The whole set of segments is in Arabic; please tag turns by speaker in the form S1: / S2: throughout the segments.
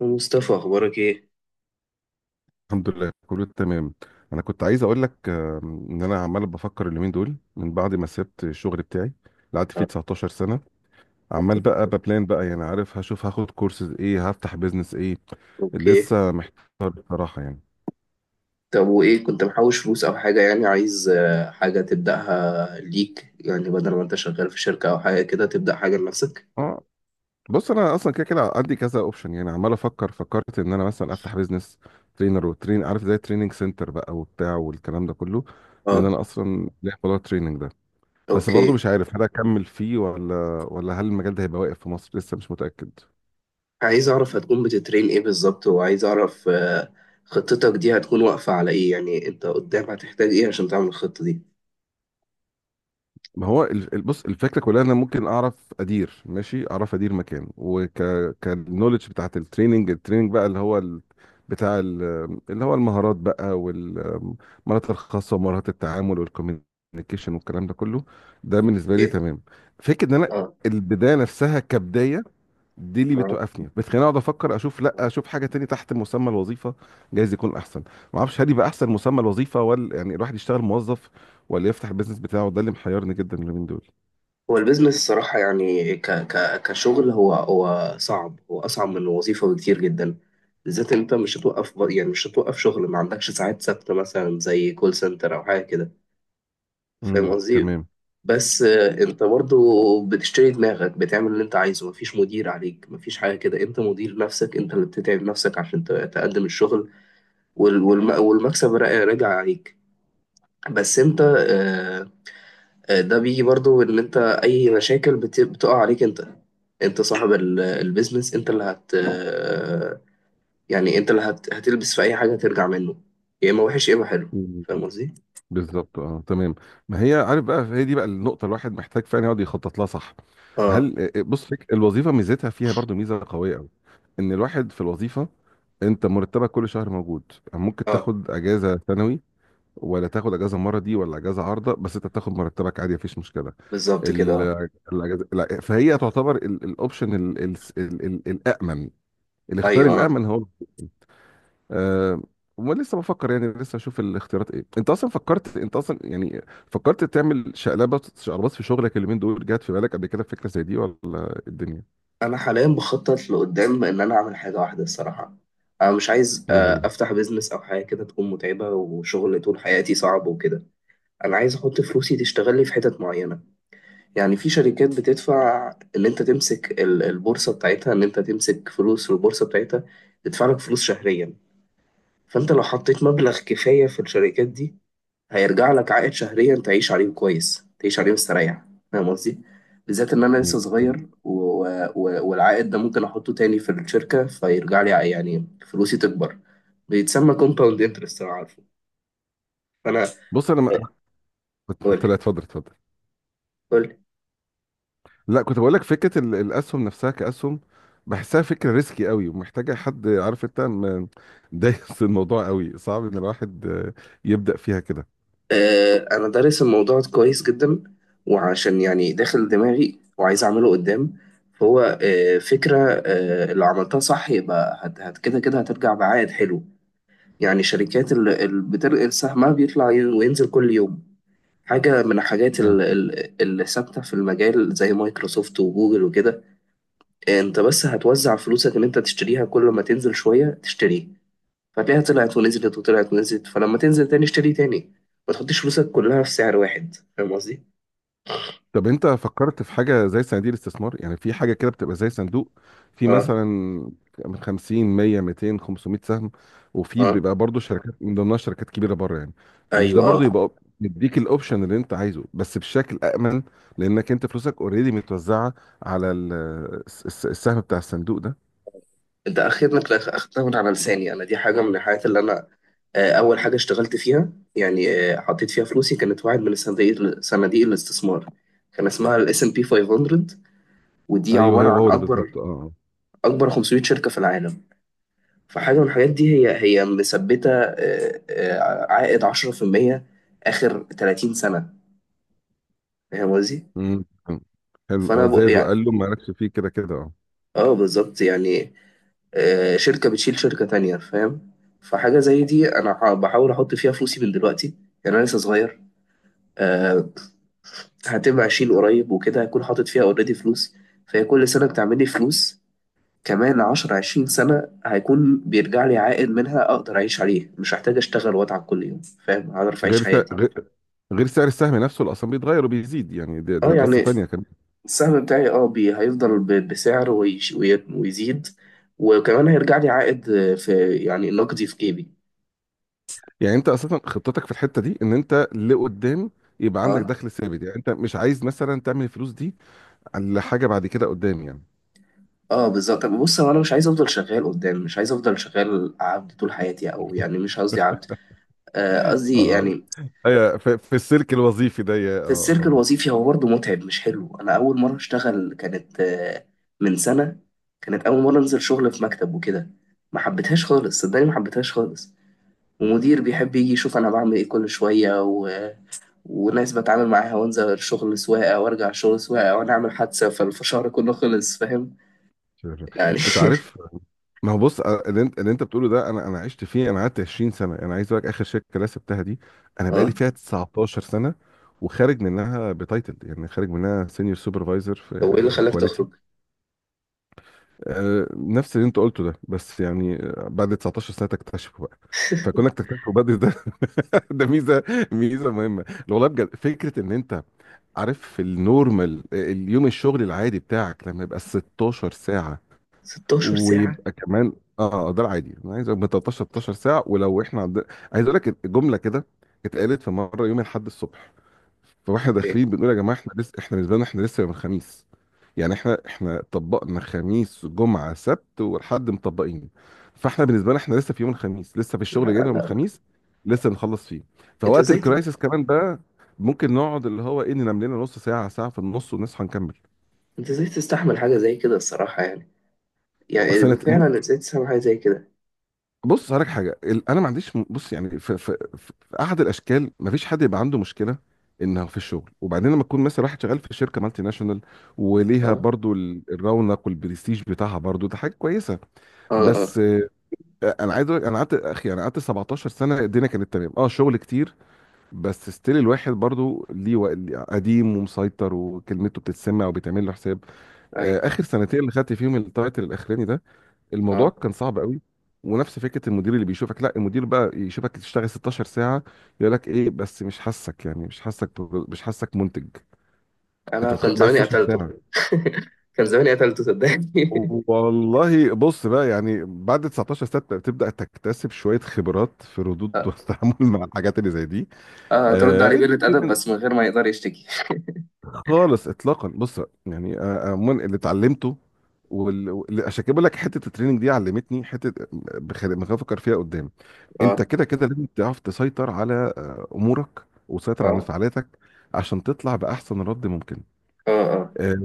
S1: مصطفى، اخبارك ايه؟
S2: الحمد لله كله تمام. انا كنت عايز اقول لك ان انا عمال بفكر اليومين دول من بعد ما سبت الشغل بتاعي اللي قعدت فيه
S1: أنا
S2: 19 سنه. عمال
S1: مبسوط
S2: بقى
S1: جداً.
S2: ببلان بقى، يعني عارف، هشوف هاخد كورسز ايه، هفتح بيزنس ايه.
S1: اوكي.
S2: لسه محتار بصراحه يعني.
S1: طب وايه، كنت محوش فلوس او حاجه؟ يعني عايز حاجه تبداها ليك، يعني بدل ما انت شغال في شركه او حاجه كده تبدا حاجه لنفسك.
S2: اه، بص، انا اصلا كده كده عندي كذا اوبشن، يعني عمال افكر، فكرت ان انا مثلا افتح بيزنس ترينر وترين، عارف، زي تريننج سنتر بقى وبتاع والكلام ده كله. لان
S1: اه.
S2: انا اصلا ليا موضوع التريننج ده. بس برضو
S1: اوكي.
S2: مش عارف هل اكمل فيه ولا، هل المجال ده هيبقى واقف في مصر، لسه مش متأكد.
S1: عايز اعرف هتكون بتترين ايه بالظبط، وعايز اعرف خطتك دي هتكون واقفه على ايه، يعني انت قدام هتحتاج ايه عشان تعمل الخطه دي؟
S2: ما هو بص، الفكره كلها إن انا ممكن اعرف ادير، ماشي، اعرف ادير مكان كالنولج بتاعت التريننج، بقى، اللي هو بتاع اللي هو المهارات بقى، والمهارات الخاصه، ومهارات التعامل والكوميونيكيشن والكلام ده كله. ده بالنسبه لي
S1: اوكي.
S2: تمام. فكره ان انا البدايه نفسها كبدايه، دي اللي
S1: اه.
S2: بتوقفني، بتخليني اقعد افكر، اشوف، لا، اشوف حاجه تاني تحت مسمى الوظيفه، جايز يكون احسن. ما اعرفش هل يبقى احسن مسمى الوظيفه، ولا يعني الواحد يشتغل موظف، ولا يفتح البيزنس بتاعه، ده اللي محيرني جدا اليومين دول.
S1: هو البيزنس الصراحة يعني ك ك كشغل هو صعب، هو أصعب من الوظيفة بكتير جدا، بالذات إن أنت مش هتوقف يعني مش هتوقف شغل، ما عندكش ساعات ثابتة مثلا زي كول سنتر أو حاجة كده. فاهم قصدي؟
S2: تمام.
S1: بس أنت برضو بتشتري دماغك، بتعمل اللي أنت عايزه، مفيش مدير عليك، مفيش حاجة كده. أنت مدير نفسك، أنت اللي بتتعب نفسك عشان تقدم الشغل، والمكسب راجع عليك. بس أنت ده بيجي برضو ان انت اي مشاكل بتقع عليك انت. انت صاحب البيزنس، انت اللي هت آه، يعني انت اللي هتلبس في اي حاجة ترجع منه. يا اما وحش يا اما حلو.
S2: مم.
S1: فاهم قصدي؟
S2: بالظبط، اه، تمام. ما هي، عارف، بقى هي دي بقى النقطه، الواحد محتاج فعلا يقعد يخطط لها، صح.
S1: اه.
S2: هل آه، آه، بص، فك الوظيفه ميزتها فيها برضو ميزه قويه قوي. ان الواحد في الوظيفه، انت مرتبك كل شهر موجود. يعني ممكن
S1: اه
S2: تاخد اجازه سنوي، ولا تاخد اجازه المره دي، ولا اجازه عارضه، بس انت تاخد مرتبك عادي مفيش مشكله.
S1: بالظبط كده. اه.
S2: ال- الاجازه، لا، فهي تعتبر الاوبشن الامن، الاختيار
S1: ايوه آه.
S2: الامن هو آه ولسه بفكر، يعني لسه اشوف الاختيارات ايه. انت اصلا فكرت، انت اصلا يعني فكرت تعمل شقلبات شقلبات في شغلك اليومين دول، جات في بالك قبل كده فكره زي دي؟ ولا إيه الدنيا؟
S1: انا حاليا بخطط لقدام ان انا اعمل حاجة واحدة الصراحة. انا مش عايز
S2: ليه هي؟
S1: افتح بيزنس او حاجة كده تكون متعبة وشغل طول حياتي صعب وكده. انا عايز احط فلوسي تشتغل لي في حتت معينة. يعني في شركات بتدفع، اللي انت تمسك البورصة بتاعتها، ان انت تمسك فلوس في البورصة بتاعتها تدفع لك فلوس شهريا. فانت لو حطيت مبلغ كفاية في الشركات دي، هيرجع لك عائد شهريا تعيش عليه كويس، تعيش عليه مستريح. فاهم قصدي؟ بالذات ان انا لسه
S2: مم.
S1: صغير والعائد ده ممكن احطه تاني في الشركة فيرجع لي، يعني فلوسي تكبر. بيتسمى كومباوند انترست، انا عارفه. فانا،
S2: بص انا ما...
S1: قول
S2: اتفضل، اتفضل.
S1: لي.
S2: لا، كنت بقول لك فكره الاسهم نفسها كاسهم، بحسها فكره ريسكي قوي ومحتاجه حد عارف. انت دايس الموضوع قوي، صعب ان الواحد يبدا فيها كده.
S1: انا دارس الموضوع كويس جدا، وعشان يعني داخل دماغي وعايز اعمله قدام. فهو فكره. لو عملتها صح يبقى هت هت كده كده هترجع بعائد حلو. يعني شركات اللي بترقل سهمها بيطلع وينزل كل يوم. حاجه من الحاجات اللي ثابته في المجال زي مايكروسوفت وجوجل وكده. انت بس هتوزع فلوسك ان انت تشتريها كل ما تنزل شويه تشتريه، فتلاقيها طلعت ونزلت وطلعت ونزلت، فلما تنزل تاني اشتري تاني. ما تحطش فلوسك كلها في سعر واحد. فاهم قصدي؟
S2: طب انت فكرت في حاجه زي صناديق الاستثمار؟ يعني في حاجه كده بتبقى زي صندوق، في
S1: اه.
S2: مثلا من 50 100 200 500 سهم، وفي
S1: اه
S2: بيبقى برضو شركات من ضمنها شركات كبيره بره يعني. مش ده
S1: ايوه
S2: برضو
S1: اه.
S2: يبقى مديك الاوبشن اللي انت عايزه بس بشكل امن؟ لانك انت فلوسك اوريدي متوزعه على السهم بتاع الصندوق ده.
S1: انت اخيرا اخدتها من على لساني، انا دي حاجه من الحاجات اللي انا اول حاجه اشتغلت فيها يعني. حطيت فيها فلوسي، كانت واحد من صناديق الاستثمار. كان اسمها الاس ام بي 500، ودي
S2: ايوه،
S1: عباره
S2: هو
S1: عن
S2: هو ده بالظبط، اه اه.
S1: اكبر 500 شركه في العالم. فحاجه من الحاجات دي هي مثبته عائد 10% اخر 30 سنه. فاهم قصدي؟
S2: مم. حلو،
S1: فانا
S2: اه، زاد
S1: يعني،
S2: وقال له مالكش فيه، كده كده اه.
S1: اه بالظبط يعني شركه بتشيل شركه تانية. فاهم. فحاجه زي دي انا بحاول احط فيها فلوسي من دلوقتي. يعني انا لسه صغير. آه، هتبقى اشيل قريب وكده هكون حاطط فيها اوريدي فلوس. فهي كل سنه بتعمل لي فلوس، كمان 10 20 سنه هيكون بيرجع لي عائد منها اقدر اعيش عليه، مش هحتاج اشتغل واتعب كل يوم. فاهم؟ هعرف اعيش
S2: غير سعر
S1: حياتي.
S2: غير غير سعر السهم نفسه اللي اصلا بيتغير وبيزيد، يعني ده
S1: اه
S2: قصه
S1: يعني
S2: تانيه.
S1: السهم بتاعي اه بي هيفضل بسعر ويزيد، وكمان هيرجع لي عائد في يعني نقدي في جيبي.
S2: يعني انت اساسا خطتك في الحته دي ان انت لقدام يبقى عندك
S1: اه.
S2: دخل ثابت، يعني انت مش عايز مثلا تعمل الفلوس دي على حاجه بعد كده قدام يعني.
S1: اه بالظبط. طب بص هو انا مش عايز افضل شغال قدام، مش عايز افضل شغال عبد طول حياتي، او يعني مش قصدي عبد. قصدي
S2: اه
S1: يعني
S2: ايوه، في السلك الوظيفي ده يا-
S1: في السلك
S2: اه
S1: الوظيفي هو برضه متعب مش حلو. انا اول مره اشتغل كانت من سنه، كانت اول مره انزل شغل في مكتب وكده. ما حبيتهاش خالص، صدقني ما حبيتهاش خالص. ومدير بيحب يجي يشوف انا بعمل ايه كل شويه، وناس بتعامل معاها، وانزل شغل سواقة وارجع شغل سواقة وانا اعمل حادثة فالشهر كله خلص. فاهم
S2: شوف.
S1: يعني؟
S2: انت عارف. ما هو بص، اللي انت بتقوله ده، انا عشت فيه، انا قعدت 20 سنه. انا عايز اقول لك اخر شركه اللي أنا سبتها دي، انا بقالي
S1: اه.
S2: فيها 19 سنه، وخارج منها بتايتل، يعني خارج منها سينيور سوبرفايزر
S1: طب وايه اللي
S2: في
S1: خلاك
S2: كواليتي.
S1: تخرج؟
S2: نفس اللي انت قلته ده، بس يعني بعد 19 سنه تكتشفه بقى. فكونك تكتشفه بدري ده، ده ميزه، ميزه مهمه، لو والله بجد، فكره ان انت عارف في النورمال، اليوم الشغل العادي بتاعك لما يبقى 16 ساعه،
S1: 16 ساعة
S2: ويبقى كمان ده العادي. انا عايز من 13 16 ساعه، ولو احنا عايز اقول لك جمله كده، اتقالت في مره يوم الاحد الصبح، فواحنا
S1: ايه؟
S2: داخلين بنقول يا جماعه، احنا لسه احنا بالنسبه لنا احنا لسه يوم الخميس. يعني احنا طبقنا خميس جمعه سبت والحد مطبقين، فاحنا بالنسبه لنا احنا لسه في يوم الخميس، لسه في
S1: لا
S2: الشغل
S1: لا
S2: جاينا يوم
S1: لا.
S2: الخميس، لسه نخلص فيه.
S1: انت
S2: فوقت
S1: ازاي
S2: الكرايسيس
S1: ت-
S2: كمان ده، ممكن نقعد اللي هو ايه، ننام لنا نص ساعه ساعه في النص ونصحى نكمل.
S1: انت ازاي تستحمل حاجة زي كده الصراحة يعني؟ يعني
S2: سنة.
S1: فعلا ازاي تستحمل حاجة زي كده؟
S2: بص هقولك حاجه، انا ما عنديش بص يعني، في, في, في احد الاشكال ما فيش حد يبقى عنده مشكله انه في الشغل. وبعدين لما تكون مثلا واحد شغال في شركه مالتي ناشونال، وليها
S1: اه
S2: برضو الرونق والبرستيج بتاعها برضو، ده حاجه كويسه.
S1: اه اه
S2: بس انا عايز أقولك، انا قعدت، اخي، انا قعدت 17 سنه، الدنيا كانت تمام، اه، شغل كتير، بس ستيل الواحد برضو ليه ليه قديم ومسيطر وكلمته بتتسمع وبيتعمل له حساب.
S1: اي
S2: اخر سنتين اللي خدت فيهم التايتل الاخراني ده، الموضوع
S1: اه.
S2: كان صعب قوي. ونفس فكره المدير اللي بيشوفك، لا، المدير بقى يشوفك تشتغل 16 ساعه يقول لك ايه؟ بس مش حاسك، يعني مش حاسك، مش حاسك منتج.
S1: انا
S2: انت
S1: كان
S2: بعد
S1: زماني
S2: 16
S1: قتلته.
S2: ساعه،
S1: كان زماني قتلته صدقني.
S2: والله بص، بقى يعني بعد 19 سنه تبدا تكتسب شويه خبرات في الردود
S1: اه
S2: والتعامل مع الحاجات اللي زي دي.
S1: اه، ترد
S2: آه،
S1: عليه بقلة أدب
S2: الدوكيومنت،
S1: بس من غير ما يقدر يشتكي.
S2: خالص اطلاقا، بص، يعني عموما اللي اتعلمته، عشان كده بقول لك، حته التريننج دي علمتني حته، بخاف افكر فيها قدام. انت
S1: اه
S2: كده كده لازم تعرف تسيطر على امورك، وتسيطر على
S1: اه
S2: انفعالاتك عشان تطلع باحسن رد ممكن.
S1: اه اه
S2: آه،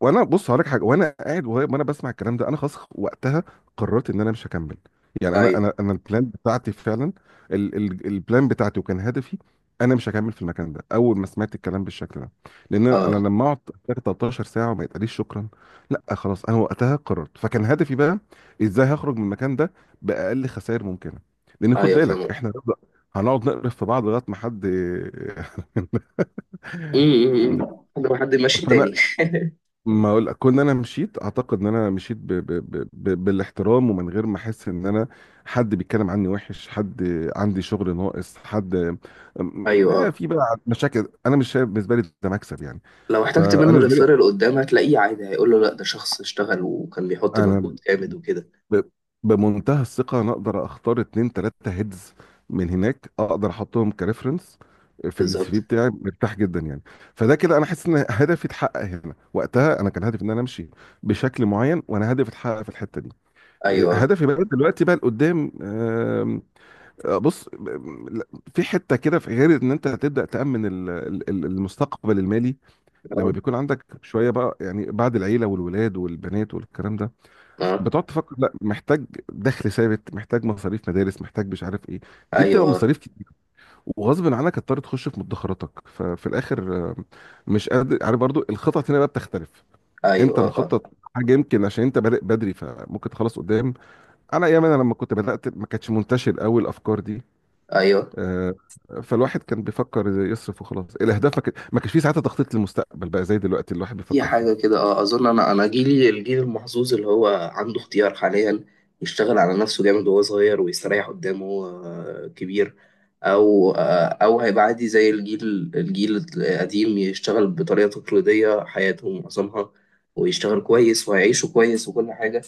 S2: وانا بص هقول لك حاجه، وانا قاعد وانا بسمع الكلام ده، انا خلاص وقتها قررت ان انا مش هكمل. يعني انا
S1: اي
S2: انا انا البلان بتاعتي فعلا، ال البلان بتاعتي وكان هدفي، انا مش هكمل في المكان ده اول ما سمعت الكلام بالشكل ده. لان انا
S1: اه
S2: لما اقعد 13 ساعه وما يتقاليش شكرا، لا، خلاص، انا وقتها قررت، فكان هدفي بقى ازاي هخرج من المكان ده باقل خسائر ممكنه. لان خد
S1: ايوه
S2: بالك
S1: فاهم.
S2: احنا هنقعد نقرف في بعض لغايه ما حد.
S1: امم. لو حد ماشي
S2: فانا،
S1: تاني.
S2: ما اقول، كون انا مشيت، اعتقد ان انا مشيت بالاحترام، ومن غير ما احس ان انا حد بيتكلم عني وحش، حد عندي شغل ناقص، حد
S1: ايوه
S2: ما
S1: اه.
S2: في بقى مشاكل. انا مش شايف بالنسبه لي ده مكسب يعني.
S1: لو احتجت
S2: فانا
S1: منه
S2: بالنسبه لي
S1: ريفيرال قدام هتلاقيه عادي، هيقول له لا ده شخص اشتغل وكان بيحط
S2: انا
S1: مجهود جامد وكده.
S2: ب... بمنتهى الثقه، انا اقدر اختار اتنين تلاته هيدز من هناك، اقدر احطهم كريفرنس في السي في
S1: بالظبط.
S2: بتاعي، مرتاح جدا يعني. فده كده انا حاسس ان هدفي اتحقق هنا، وقتها انا كان هدفي ان انا امشي بشكل معين، وانا هدفي اتحقق في الحته دي.
S1: ايوه
S2: هدفي بقى دلوقتي بقى لقدام، بص، لا، في حته كده، في غير ان انت هتبدا تامن المستقبل المالي لما
S1: اه
S2: بيكون عندك شويه بقى، يعني بعد العيله والولاد والبنات والكلام ده،
S1: اه.
S2: بتقعد تفكر، لا، محتاج دخل ثابت، محتاج مصاريف مدارس، محتاج مش عارف ايه، دي بتبقى
S1: ايوه آه.
S2: مصاريف كتير. وغصب عنك هتضطر تخش في مدخراتك، ففي الاخر مش قادر. عارف برضو الخطط هنا بقى بتختلف. انت
S1: ايوه اه.
S2: مخطط حاجه، يمكن عشان انت بادئ بدري فممكن تخلص قدام. انا ايام انا لما كنت بدات ما كانتش منتشر قوي الافكار دي،
S1: ايوه
S2: آه، فالواحد كان بيفكر يصرف وخلاص، الاهداف ما كانش فيه ساعتها تخطيط للمستقبل بقى زي دلوقتي الواحد
S1: في
S2: بيفكر فيه.
S1: حاجة كده اه. أظن أنا جيلي الجيل المحظوظ اللي هو عنده اختيار حاليا، يشتغل على نفسه جامد وهو صغير ويستريح قدامه كبير. أو أو هيبقى عادي زي الجيل القديم يشتغل بطريقة تقليدية حياته معظمها، ويشتغل كويس وهيعيشوا كويس وكل حاجة.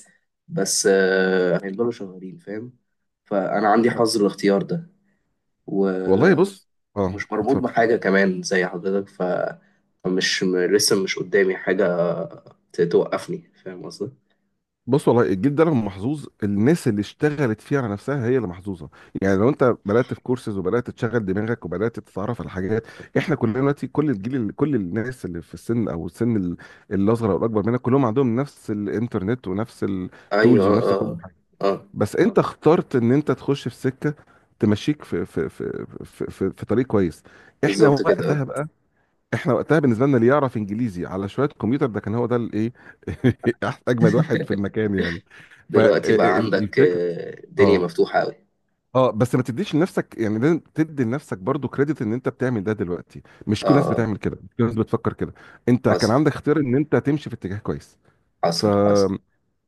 S1: بس هيفضلوا شغالين. فاهم؟ فأنا عندي حظ الاختيار
S2: والله
S1: ده،
S2: بص، اه،
S1: مش مربوط
S2: اتفضل.
S1: بحاجة كمان زي حضرتك. مش لسه مش قدامي حاجة توقفني. فاهم قصدي؟
S2: بص والله الجيل ده لما محظوظ، الناس اللي اشتغلت فيه على نفسها هي اللي محظوظه. يعني لو انت بدات في كورسز، وبدات تشغل دماغك، وبدات تتعرف على حاجات، احنا كلنا دلوقتي، كل الناس اللي في السن، او السن الاصغر او الاكبر منك، كلهم عندهم نفس الانترنت ونفس
S1: أيوه
S2: التولز ونفس كل
S1: اه
S2: حاجه.
S1: اه اه
S2: بس انت اخترت ان انت تخش في سكه تمشيك في طريق كويس. احنا
S1: بالظبط كده اه.
S2: وقتها بقى، احنا وقتها بالنسبه لنا، اللي يعرف انجليزي على شويه كمبيوتر ده كان هو ده الايه اجمد واحد في المكان يعني،
S1: دلوقتي بقى عندك
S2: فالفكره.
S1: دنيا
S2: اه
S1: مفتوحة أوي.
S2: اه، بس ما تديش لنفسك، يعني لازم تدي لنفسك برضو كريدت ان انت بتعمل ده دلوقتي. مش
S1: اه.
S2: كل الناس
S1: آه،
S2: بتعمل كده، مش كل الناس بتفكر كده. انت كان
S1: حصل
S2: عندك اختيار ان انت تمشي في اتجاه كويس.
S1: حصل حصل.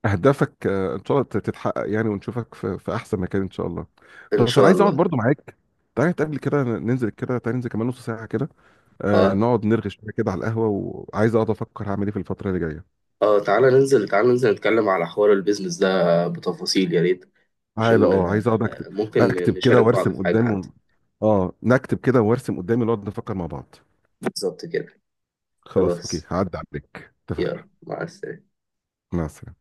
S2: اهدافك ان شاء الله تتحقق يعني، ونشوفك في احسن مكان ان شاء الله.
S1: إن
S2: بس انا
S1: شاء
S2: عايز اقعد
S1: الله.
S2: برضو معاك، تعالى نتقابل كده، ننزل كده، تعالى ننزل كمان نص ساعه كده،
S1: اه
S2: نقعد نرغي شويه كده على القهوه، وعايز اقعد افكر هعمل ايه في الفتره اللي جايه.
S1: اه، تعالى ننزل، تعالى ننزل نتكلم على حوار البيزنس ده بتفاصيل يا ريت.
S2: تعالى،
S1: عشان
S2: اه، عايز اقعد اكتب،
S1: ممكن
S2: اكتب كده
S1: نشارك بعض
S2: وارسم
S1: في حاجة
S2: قدامي،
S1: حتى.
S2: اه، نكتب كده وارسم قدامي، نقعد نفكر مع بعض.
S1: بالظبط كده.
S2: خلاص، اوكي،
S1: خلاص.
S2: هعدي عليك، اتفقنا.
S1: يلا، مع السلامة.
S2: مع السلامه.